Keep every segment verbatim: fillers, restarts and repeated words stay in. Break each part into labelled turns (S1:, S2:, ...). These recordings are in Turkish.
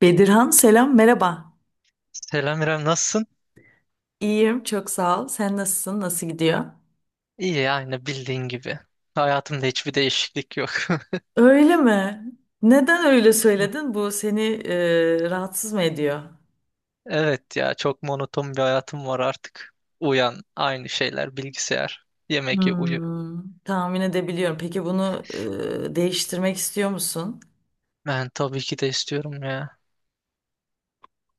S1: Bedirhan selam merhaba.
S2: Selam İrem, nasılsın?
S1: İyiyim çok sağ ol. Sen nasılsın? Nasıl gidiyor?
S2: İyi yani bildiğin gibi. Hayatımda hiçbir değişiklik yok.
S1: Öyle mi? Neden öyle söyledin? Bu seni e, rahatsız mı ediyor?
S2: Evet ya çok monoton bir hayatım var artık. Uyan, aynı şeyler, bilgisayar, yemek ye, uyu.
S1: Hmm, tahmin edebiliyorum. Peki bunu e, değiştirmek istiyor musun?
S2: Ben tabii ki de istiyorum ya.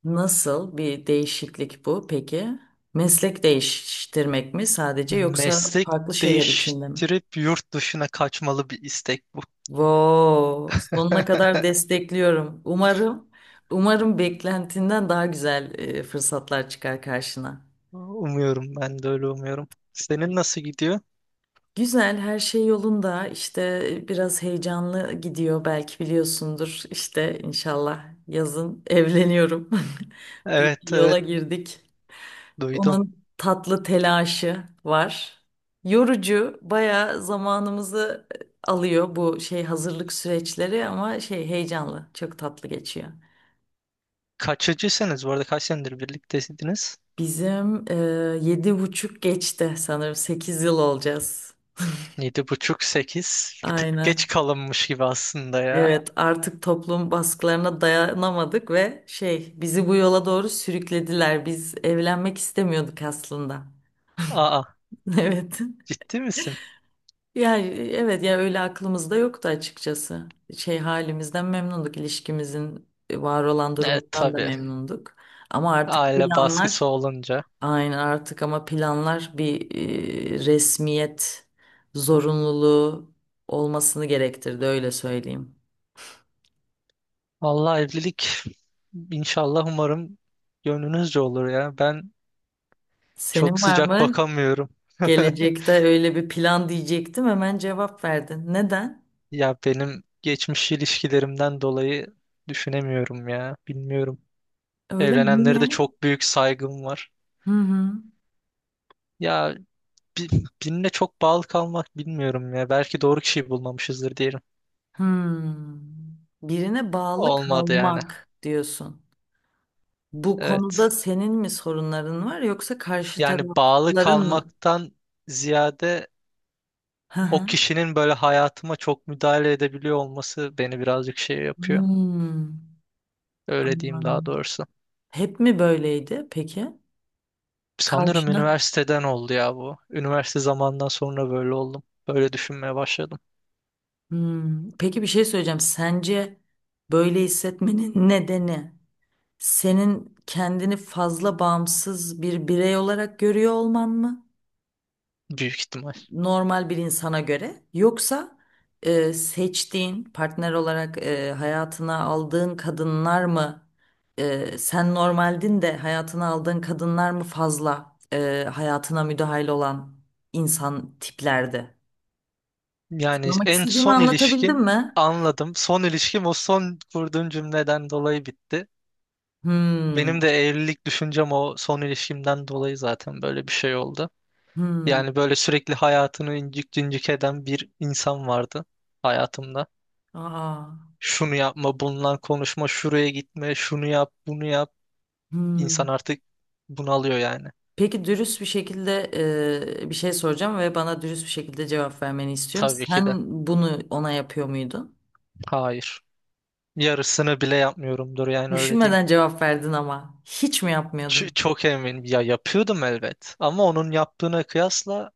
S1: Nasıl bir değişiklik bu peki? Meslek değiştirmek mi sadece yoksa
S2: Meslek
S1: farklı şeyler içinde mi?
S2: değiştirip yurt dışına kaçmalı bir istek bu.
S1: Wow, sonuna kadar destekliyorum. Umarım, umarım beklentinden daha güzel e, fırsatlar çıkar karşına.
S2: Umuyorum ben de öyle umuyorum. Senin nasıl gidiyor?
S1: Güzel, her şey yolunda. İşte e, biraz heyecanlı gidiyor, belki biliyorsundur. İşte inşallah yazın evleniyorum. Bir
S2: Evet,
S1: yola
S2: evet,
S1: girdik.
S2: duydum.
S1: Onun tatlı telaşı var. Yorucu, bayağı zamanımızı alıyor bu şey hazırlık süreçleri ama şey heyecanlı, çok tatlı geçiyor.
S2: Kaçıcısınız, bu arada kaç senedir birlikteydiniz?
S1: Bizim e, yedi buçuk geçti sanırım. Sekiz yıl olacağız.
S2: Yedi buçuk sekiz. Bir tık geç
S1: Aynen.
S2: kalınmış gibi aslında ya.
S1: Evet, artık toplum baskılarına dayanamadık ve şey bizi bu yola doğru sürüklediler. Biz evlenmek istemiyorduk aslında.
S2: Aa,
S1: Evet.
S2: ciddi misin?
S1: Yani evet ya öyle aklımızda yoktu açıkçası. Şey halimizden memnunduk, ilişkimizin var olan
S2: Evet,
S1: durumundan da
S2: tabii.
S1: memnunduk. Ama artık
S2: Aile baskısı
S1: planlar.
S2: olunca.
S1: Aynen artık ama planlar bir e, resmiyet zorunluluğu olmasını gerektirdi öyle söyleyeyim.
S2: Vallahi evlilik inşallah umarım gönlünüzce olur ya. Ben çok
S1: Senin var
S2: sıcak
S1: mı?
S2: bakamıyorum.
S1: Gelecekte öyle bir plan diyecektim hemen cevap verdin. Neden?
S2: Ya benim geçmiş ilişkilerimden dolayı düşünemiyorum ya. Bilmiyorum.
S1: Öyle mi?
S2: Evlenenlere de
S1: Niye?
S2: çok büyük saygım var.
S1: Hı hı.
S2: Ya bi- birine çok bağlı kalmak bilmiyorum ya. Belki doğru kişiyi bulmamışızdır diyelim.
S1: Hmm. Birine bağlı
S2: Olmadı yani.
S1: kalmak diyorsun. Bu
S2: Evet.
S1: konuda senin mi sorunların var yoksa karşı
S2: Yani bağlı
S1: tarafların mı?
S2: kalmaktan ziyade
S1: Hı
S2: o
S1: hı.
S2: kişinin böyle hayatıma çok müdahale edebiliyor olması beni birazcık şey yapıyor.
S1: Hmm.
S2: Öyle diyeyim daha
S1: Anladım.
S2: doğrusu.
S1: Hep mi böyleydi peki?
S2: Sanırım
S1: Karşına.
S2: üniversiteden oldu ya bu. Üniversite zamandan sonra böyle oldum. Böyle düşünmeye başladım.
S1: Hmm, Peki bir şey söyleyeceğim. Sence böyle hissetmenin nedeni senin kendini fazla bağımsız bir birey olarak görüyor olman mı?
S2: Büyük ihtimal.
S1: Normal bir insana göre. Yoksa e, seçtiğin partner olarak e, hayatına aldığın kadınlar mı? E, sen normaldin de hayatına aldığın kadınlar mı fazla e, hayatına müdahil olan insan tiplerdi?
S2: Yani
S1: Sormak
S2: en
S1: istediğimi
S2: son
S1: anlatabildim
S2: ilişkim
S1: mi?
S2: anladım. Son ilişkim o son kurduğum cümleden dolayı bitti.
S1: Hmm.
S2: Benim de evlilik düşüncem o son ilişkimden dolayı zaten böyle bir şey oldu.
S1: Hmm,
S2: Yani böyle sürekli hayatını incik cincik eden bir insan vardı hayatımda.
S1: aa,
S2: Şunu yapma, bununla konuşma, şuraya gitme, şunu yap, bunu yap. İnsan
S1: hmm.
S2: artık bunalıyor yani.
S1: Peki dürüst bir şekilde e, bir şey soracağım ve bana dürüst bir şekilde cevap vermeni istiyorum.
S2: Tabii ki de.
S1: Sen bunu ona yapıyor muydun?
S2: Hayır. Yarısını bile yapmıyorumdur yani öyle diyeyim.
S1: Düşünmeden cevap verdin ama hiç mi
S2: Ç-
S1: yapmıyordun?
S2: çok eminim. Ya yapıyordum elbet. Ama onun yaptığına kıyasla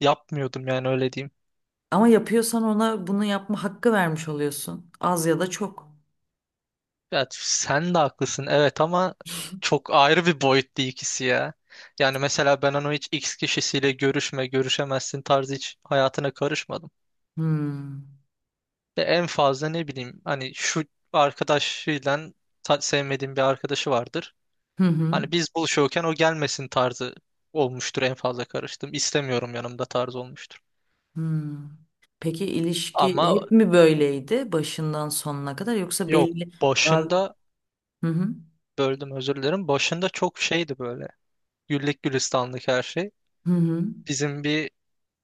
S2: yapmıyordum yani öyle diyeyim.
S1: Ama yapıyorsan ona bunu yapma hakkı vermiş oluyorsun. Az ya da çok.
S2: Ya sen de haklısın evet, ama çok ayrı bir boyutta ikisi ya. Yani mesela ben onu hiç X kişisiyle görüşme, görüşemezsin tarzı hiç hayatına karışmadım.
S1: Hmm.
S2: Ve en fazla ne bileyim hani şu arkadaşıyla ta- sevmediğim bir arkadaşı vardır.
S1: Hı hı.
S2: Hani biz buluşuyorken o gelmesin tarzı olmuştur en fazla karıştım. İstemiyorum yanımda tarzı olmuştur.
S1: Hmm. Peki ilişki
S2: Ama
S1: hep mi böyleydi başından sonuna kadar yoksa
S2: yok,
S1: belli. Baz-
S2: başında
S1: Hı hı.
S2: böldüm, özür dilerim. Başında çok şeydi böyle. Güllük gülistanlık her şey.
S1: Hı hı.
S2: Bizim bir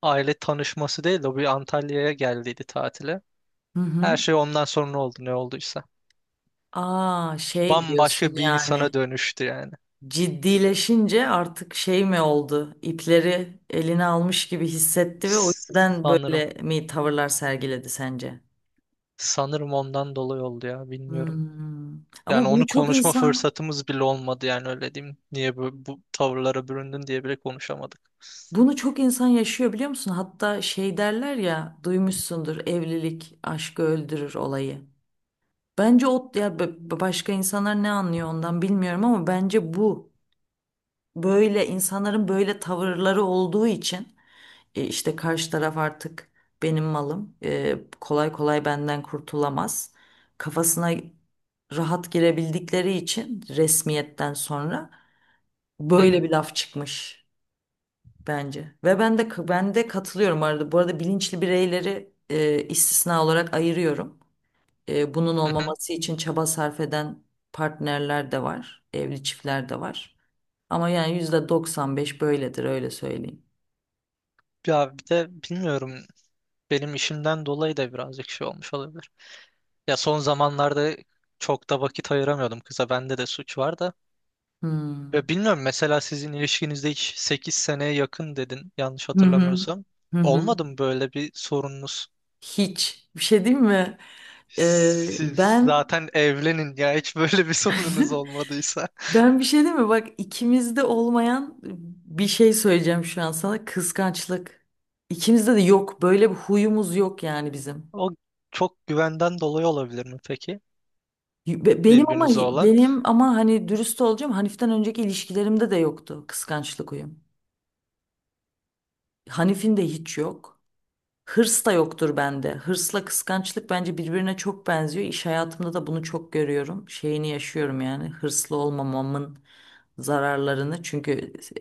S2: aile tanışması değil de o bir Antalya'ya geldiydi tatile.
S1: Hı
S2: Her
S1: hı.
S2: şey ondan sonra oldu ne olduysa.
S1: Aa şey diyorsun
S2: Bambaşka bir insana
S1: yani.
S2: dönüştü yani.
S1: Ciddileşince artık şey mi oldu? İpleri eline almış gibi hissetti ve o yüzden
S2: Sanırım.
S1: böyle mi tavırlar sergiledi sence?
S2: Sanırım ondan dolayı oldu ya, bilmiyorum.
S1: Hmm.
S2: Yani
S1: Ama bunu
S2: onu
S1: çok
S2: konuşma
S1: insan
S2: fırsatımız bile olmadı yani öyle diyeyim. Niye bu, bu tavırlara büründün diye bile konuşamadık.
S1: Bunu çok insan yaşıyor biliyor musun? Hatta şey derler ya duymuşsundur evlilik aşkı öldürür olayı. Bence o ya b- başka insanlar ne anlıyor ondan bilmiyorum ama bence bu böyle insanların böyle tavırları olduğu için. E, işte karşı taraf artık benim malım. E, kolay kolay benden kurtulamaz. Kafasına rahat girebildikleri için resmiyetten sonra
S2: Hı
S1: böyle
S2: hı,
S1: bir laf çıkmış bence. Ve ben de ben de katılıyorum arada. Bu arada bilinçli bireyleri e, istisna olarak ayırıyorum. E, bunun
S2: hı hı.
S1: olmaması için çaba sarf eden partnerler de var, evli çiftler de var. Ama yani yüzde doksan beş böyledir öyle söyleyeyim.
S2: Ya bir de bilmiyorum, benim işimden dolayı da birazcık şey olmuş olabilir. Ya son zamanlarda çok da vakit ayıramıyordum kıza. Bende de suç var da.
S1: Hmm.
S2: Ya bilmiyorum, mesela sizin ilişkinizde hiç, sekiz seneye yakın dedin yanlış
S1: Hı hı.
S2: hatırlamıyorsam.
S1: Hı hı.
S2: Olmadı mı böyle bir sorununuz?
S1: Hiç. Bir şey diyeyim mi? Ee,
S2: Siz
S1: ben
S2: zaten evlenin ya, hiç böyle bir sorununuz olmadıysa.
S1: ben bir şey diyeyim mi? Bak ikimizde olmayan bir şey söyleyeceğim şu an sana. Kıskançlık. İkimizde de yok. Böyle bir huyumuz yok yani bizim.
S2: O çok güvenden dolayı olabilir mi peki?
S1: Be- Benim ama
S2: Birbirinize olan.
S1: benim ama hani dürüst olacağım. Hanif'ten önceki ilişkilerimde de yoktu kıskançlık huyum. Hanif'in de hiç yok. Hırs da yoktur bende. Hırsla kıskançlık bence birbirine çok benziyor. İş hayatımda da bunu çok görüyorum. Şeyini yaşıyorum yani. Hırslı olmamamın zararlarını çünkü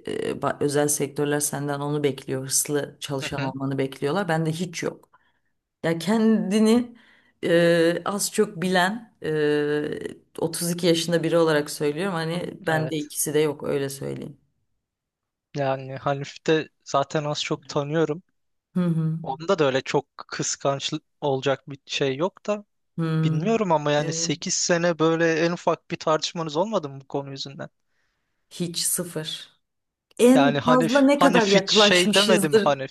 S1: e, ba- özel sektörler senden onu bekliyor. Hırslı
S2: Hı
S1: çalışan
S2: hı,
S1: olmanı bekliyorlar. Bende hiç yok. Ya kendini e, az çok bilen e, otuz iki yaşında biri olarak söylüyorum. Hani bende
S2: evet.
S1: ikisi de yok öyle söyleyeyim.
S2: Yani Hanif'i de zaten az çok tanıyorum.
S1: Hı hı.
S2: Onda da öyle çok kıskanç olacak bir şey yok da.
S1: Hı.
S2: Bilmiyorum ama yani
S1: Evet.
S2: sekiz sene böyle en ufak bir tartışmanız olmadı mı bu konu yüzünden?
S1: Hiç sıfır.
S2: Yani
S1: En
S2: hani
S1: fazla ne
S2: hani
S1: kadar
S2: hiç şey demedim
S1: yaklaşmışızdır?
S2: hani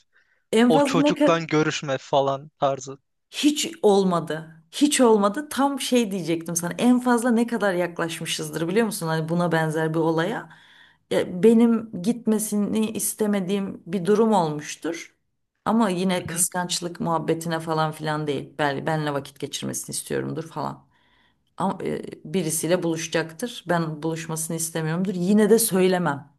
S1: En
S2: o
S1: fazla ne kadar
S2: çocukla görüşme falan tarzı.
S1: Hiç olmadı. Hiç olmadı. Tam şey diyecektim sana. En fazla ne kadar yaklaşmışızdır biliyor musun? Hani buna benzer bir olaya. Ya benim gitmesini istemediğim bir durum olmuştur. Ama yine
S2: Hı-hı.
S1: kıskançlık muhabbetine falan filan değil. Ben, benle vakit geçirmesini istiyorumdur falan. Ama e, birisiyle buluşacaktır. Ben buluşmasını istemiyorumdur. Yine de söylemem.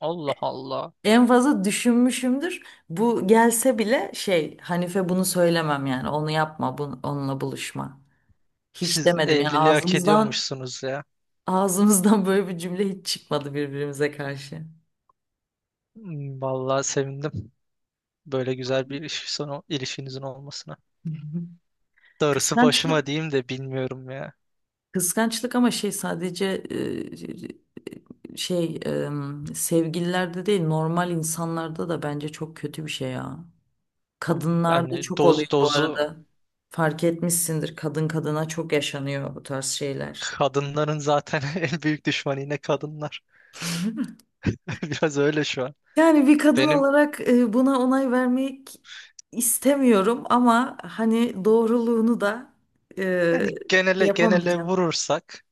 S2: Allah Allah.
S1: En fazla düşünmüşümdür. Bu gelse bile şey Hanife bunu söylemem yani. Onu yapma, bunu, onunla buluşma. Hiç
S2: Siz
S1: demedim yani
S2: evliliği hak
S1: ağzımızdan
S2: ediyormuşsunuz ya.
S1: ağzımızdan böyle bir cümle hiç çıkmadı birbirimize karşı.
S2: Hmm. Vallahi sevindim böyle güzel bir ilişki sonu ilişkinizin olmasına.
S1: Hı hı.
S2: Darısı
S1: Kıskançlık
S2: başıma diyeyim de bilmiyorum ya.
S1: kıskançlık ama şey sadece e, şey e, sevgililerde değil normal insanlarda da bence çok kötü bir şey ya. Kadınlarda
S2: Yani
S1: çok
S2: doz
S1: oluyor bu
S2: dozu
S1: arada. Fark etmişsindir kadın kadına çok yaşanıyor bu tarz şeyler.
S2: kadınların zaten en büyük düşmanı yine kadınlar. Biraz öyle şu an.
S1: Yani bir kadın
S2: Benim
S1: olarak e, buna onay vermek istemiyorum ama hani doğruluğunu da e,
S2: yani genele genele
S1: yapamayacağım.
S2: vurursak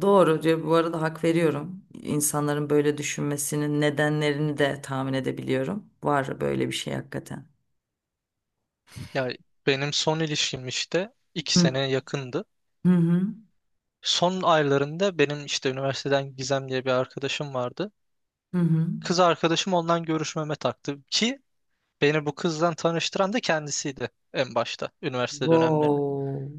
S1: Doğru diyor. Bu arada hak veriyorum. İnsanların böyle düşünmesinin nedenlerini de tahmin edebiliyorum. Var böyle bir şey hakikaten.
S2: yani benim son ilişkim işte iki
S1: Hı
S2: sene yakındı.
S1: hı hı.
S2: Son aylarında benim işte üniversiteden Gizem diye bir arkadaşım vardı.
S1: Hı hı.
S2: Kız arkadaşım ondan görüşmeme taktı ki beni bu kızdan tanıştıran da kendisiydi en başta üniversite dönemlerini.
S1: Wow.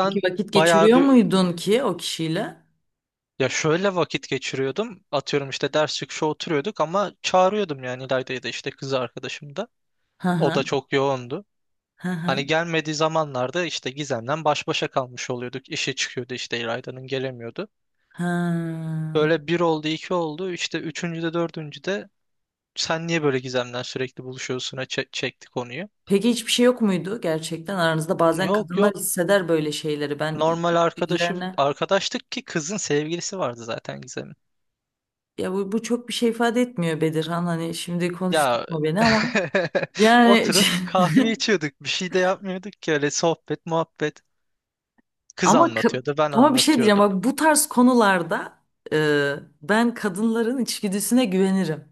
S1: Peki vakit
S2: bayağı
S1: geçiriyor
S2: bir
S1: muydun ki o kişiyle?
S2: ya şöyle vakit geçiriyordum. Atıyorum işte ders çıkışı oturuyorduk ama çağırıyordum yani İlayda'yı da, işte kız arkadaşım da.
S1: Hı
S2: O
S1: hı.
S2: da çok yoğundu.
S1: Hı hı.
S2: Hani gelmediği zamanlarda işte Gizem'den baş başa kalmış oluyorduk. İşi çıkıyordu işte, İlayda'nın gelemiyordu.
S1: Ha.
S2: Böyle bir oldu, iki oldu. İşte üçüncüde, dördüncüde sen niye böyle Gizem'den sürekli buluşuyorsun'a çe- çekti konuyu.
S1: Peki hiçbir şey yok muydu gerçekten aranızda? Bazen
S2: Yok,
S1: kadınlar
S2: yok,
S1: hisseder böyle şeyleri. Ben
S2: normal arkadaşı
S1: içgüdülerine
S2: arkadaştık ki kızın sevgilisi vardı zaten Gizem'in.
S1: ya bu, bu çok bir şey ifade etmiyor Bedirhan. Hani şimdi
S2: Ya
S1: konuştuk mu beni ama yani
S2: oturup kahve içiyorduk, bir şey de yapmıyorduk ki, öyle sohbet muhabbet. Kız
S1: ama ka-
S2: anlatıyordu, ben
S1: ama bir şey diyeceğim
S2: anlatıyordum.
S1: bak bu tarz konularda e, ben kadınların içgüdüsüne güvenirim.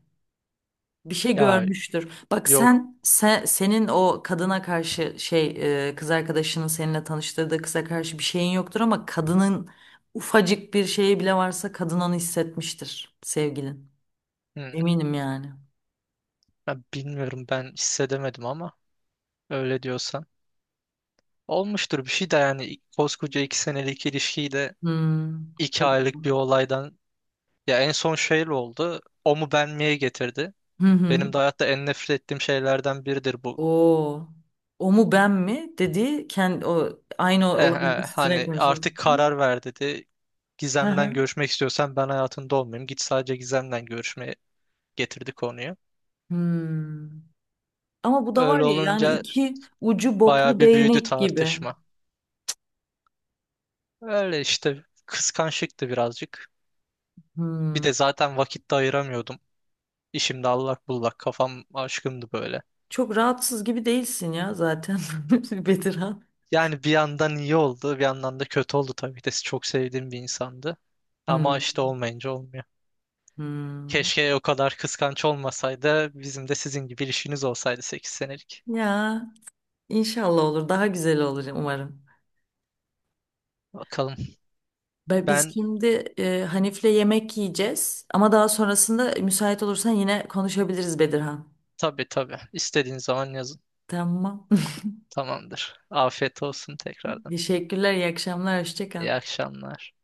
S1: Bir şey
S2: Ya
S1: görmüştür. Bak
S2: yok,
S1: sen, sen senin o kadına karşı şey e, kız arkadaşının seninle tanıştırdığı kıza karşı bir şeyin yoktur ama kadının ufacık bir şeyi bile varsa kadın onu hissetmiştir sevgilin.
S2: hmm,
S1: Eminim yani.
S2: ya bilmiyorum ben hissedemedim ama öyle diyorsan. Olmuştur bir şey de yani, koskoca iki senelik ilişkiyi de
S1: Hmm.
S2: iki aylık bir
S1: Tabii.
S2: olaydan, ya en son şey oldu. O mu ben miye getirdi.
S1: Hı hı.
S2: Benim de hayatta en nefret ettiğim şeylerden biridir bu.
S1: O o mu ben mi dedi kendi. O aynı
S2: Eh,
S1: olayın
S2: eh,
S1: üstüne
S2: hani
S1: konuşuyoruz.
S2: artık karar ver dedi.
S1: Hı
S2: Gizem'den
S1: hı.
S2: görüşmek istiyorsan ben hayatında olmayayım. Git sadece Gizem'den görüşmeye getirdi konuyu.
S1: Hmm. Ama bu da var
S2: Öyle
S1: ya yani
S2: olunca
S1: iki ucu
S2: bayağı
S1: boklu
S2: bir büyüdü
S1: değnek gibi.
S2: tartışma. Öyle işte kıskançlıktı birazcık. Bir
S1: Hmm.
S2: de zaten vakit de ayıramıyordum. İşimde allak bullak kafam, aşkımdı böyle.
S1: Çok rahatsız gibi değilsin ya zaten. Bedirhan.
S2: Yani bir yandan iyi oldu, bir yandan da kötü oldu, tabii ki de çok sevdiğim bir insandı. Ama
S1: Hmm,
S2: işte olmayınca olmuyor.
S1: hmm.
S2: Keşke o kadar kıskanç olmasaydı. Bizim de sizin gibi ilişkiniz olsaydı sekiz senelik.
S1: Ya inşallah olur. Daha güzel olur umarım.
S2: Bakalım.
S1: Ben- Biz
S2: Ben
S1: şimdi e, Hanif'le yemek yiyeceğiz. Ama daha sonrasında müsait olursan yine konuşabiliriz Bedirhan.
S2: tabii tabii. İstediğin zaman yazın.
S1: Tamam.
S2: Tamamdır. Afiyet olsun tekrardan.
S1: Teşekkürler. İyi akşamlar. Hoşça kal.
S2: İyi akşamlar.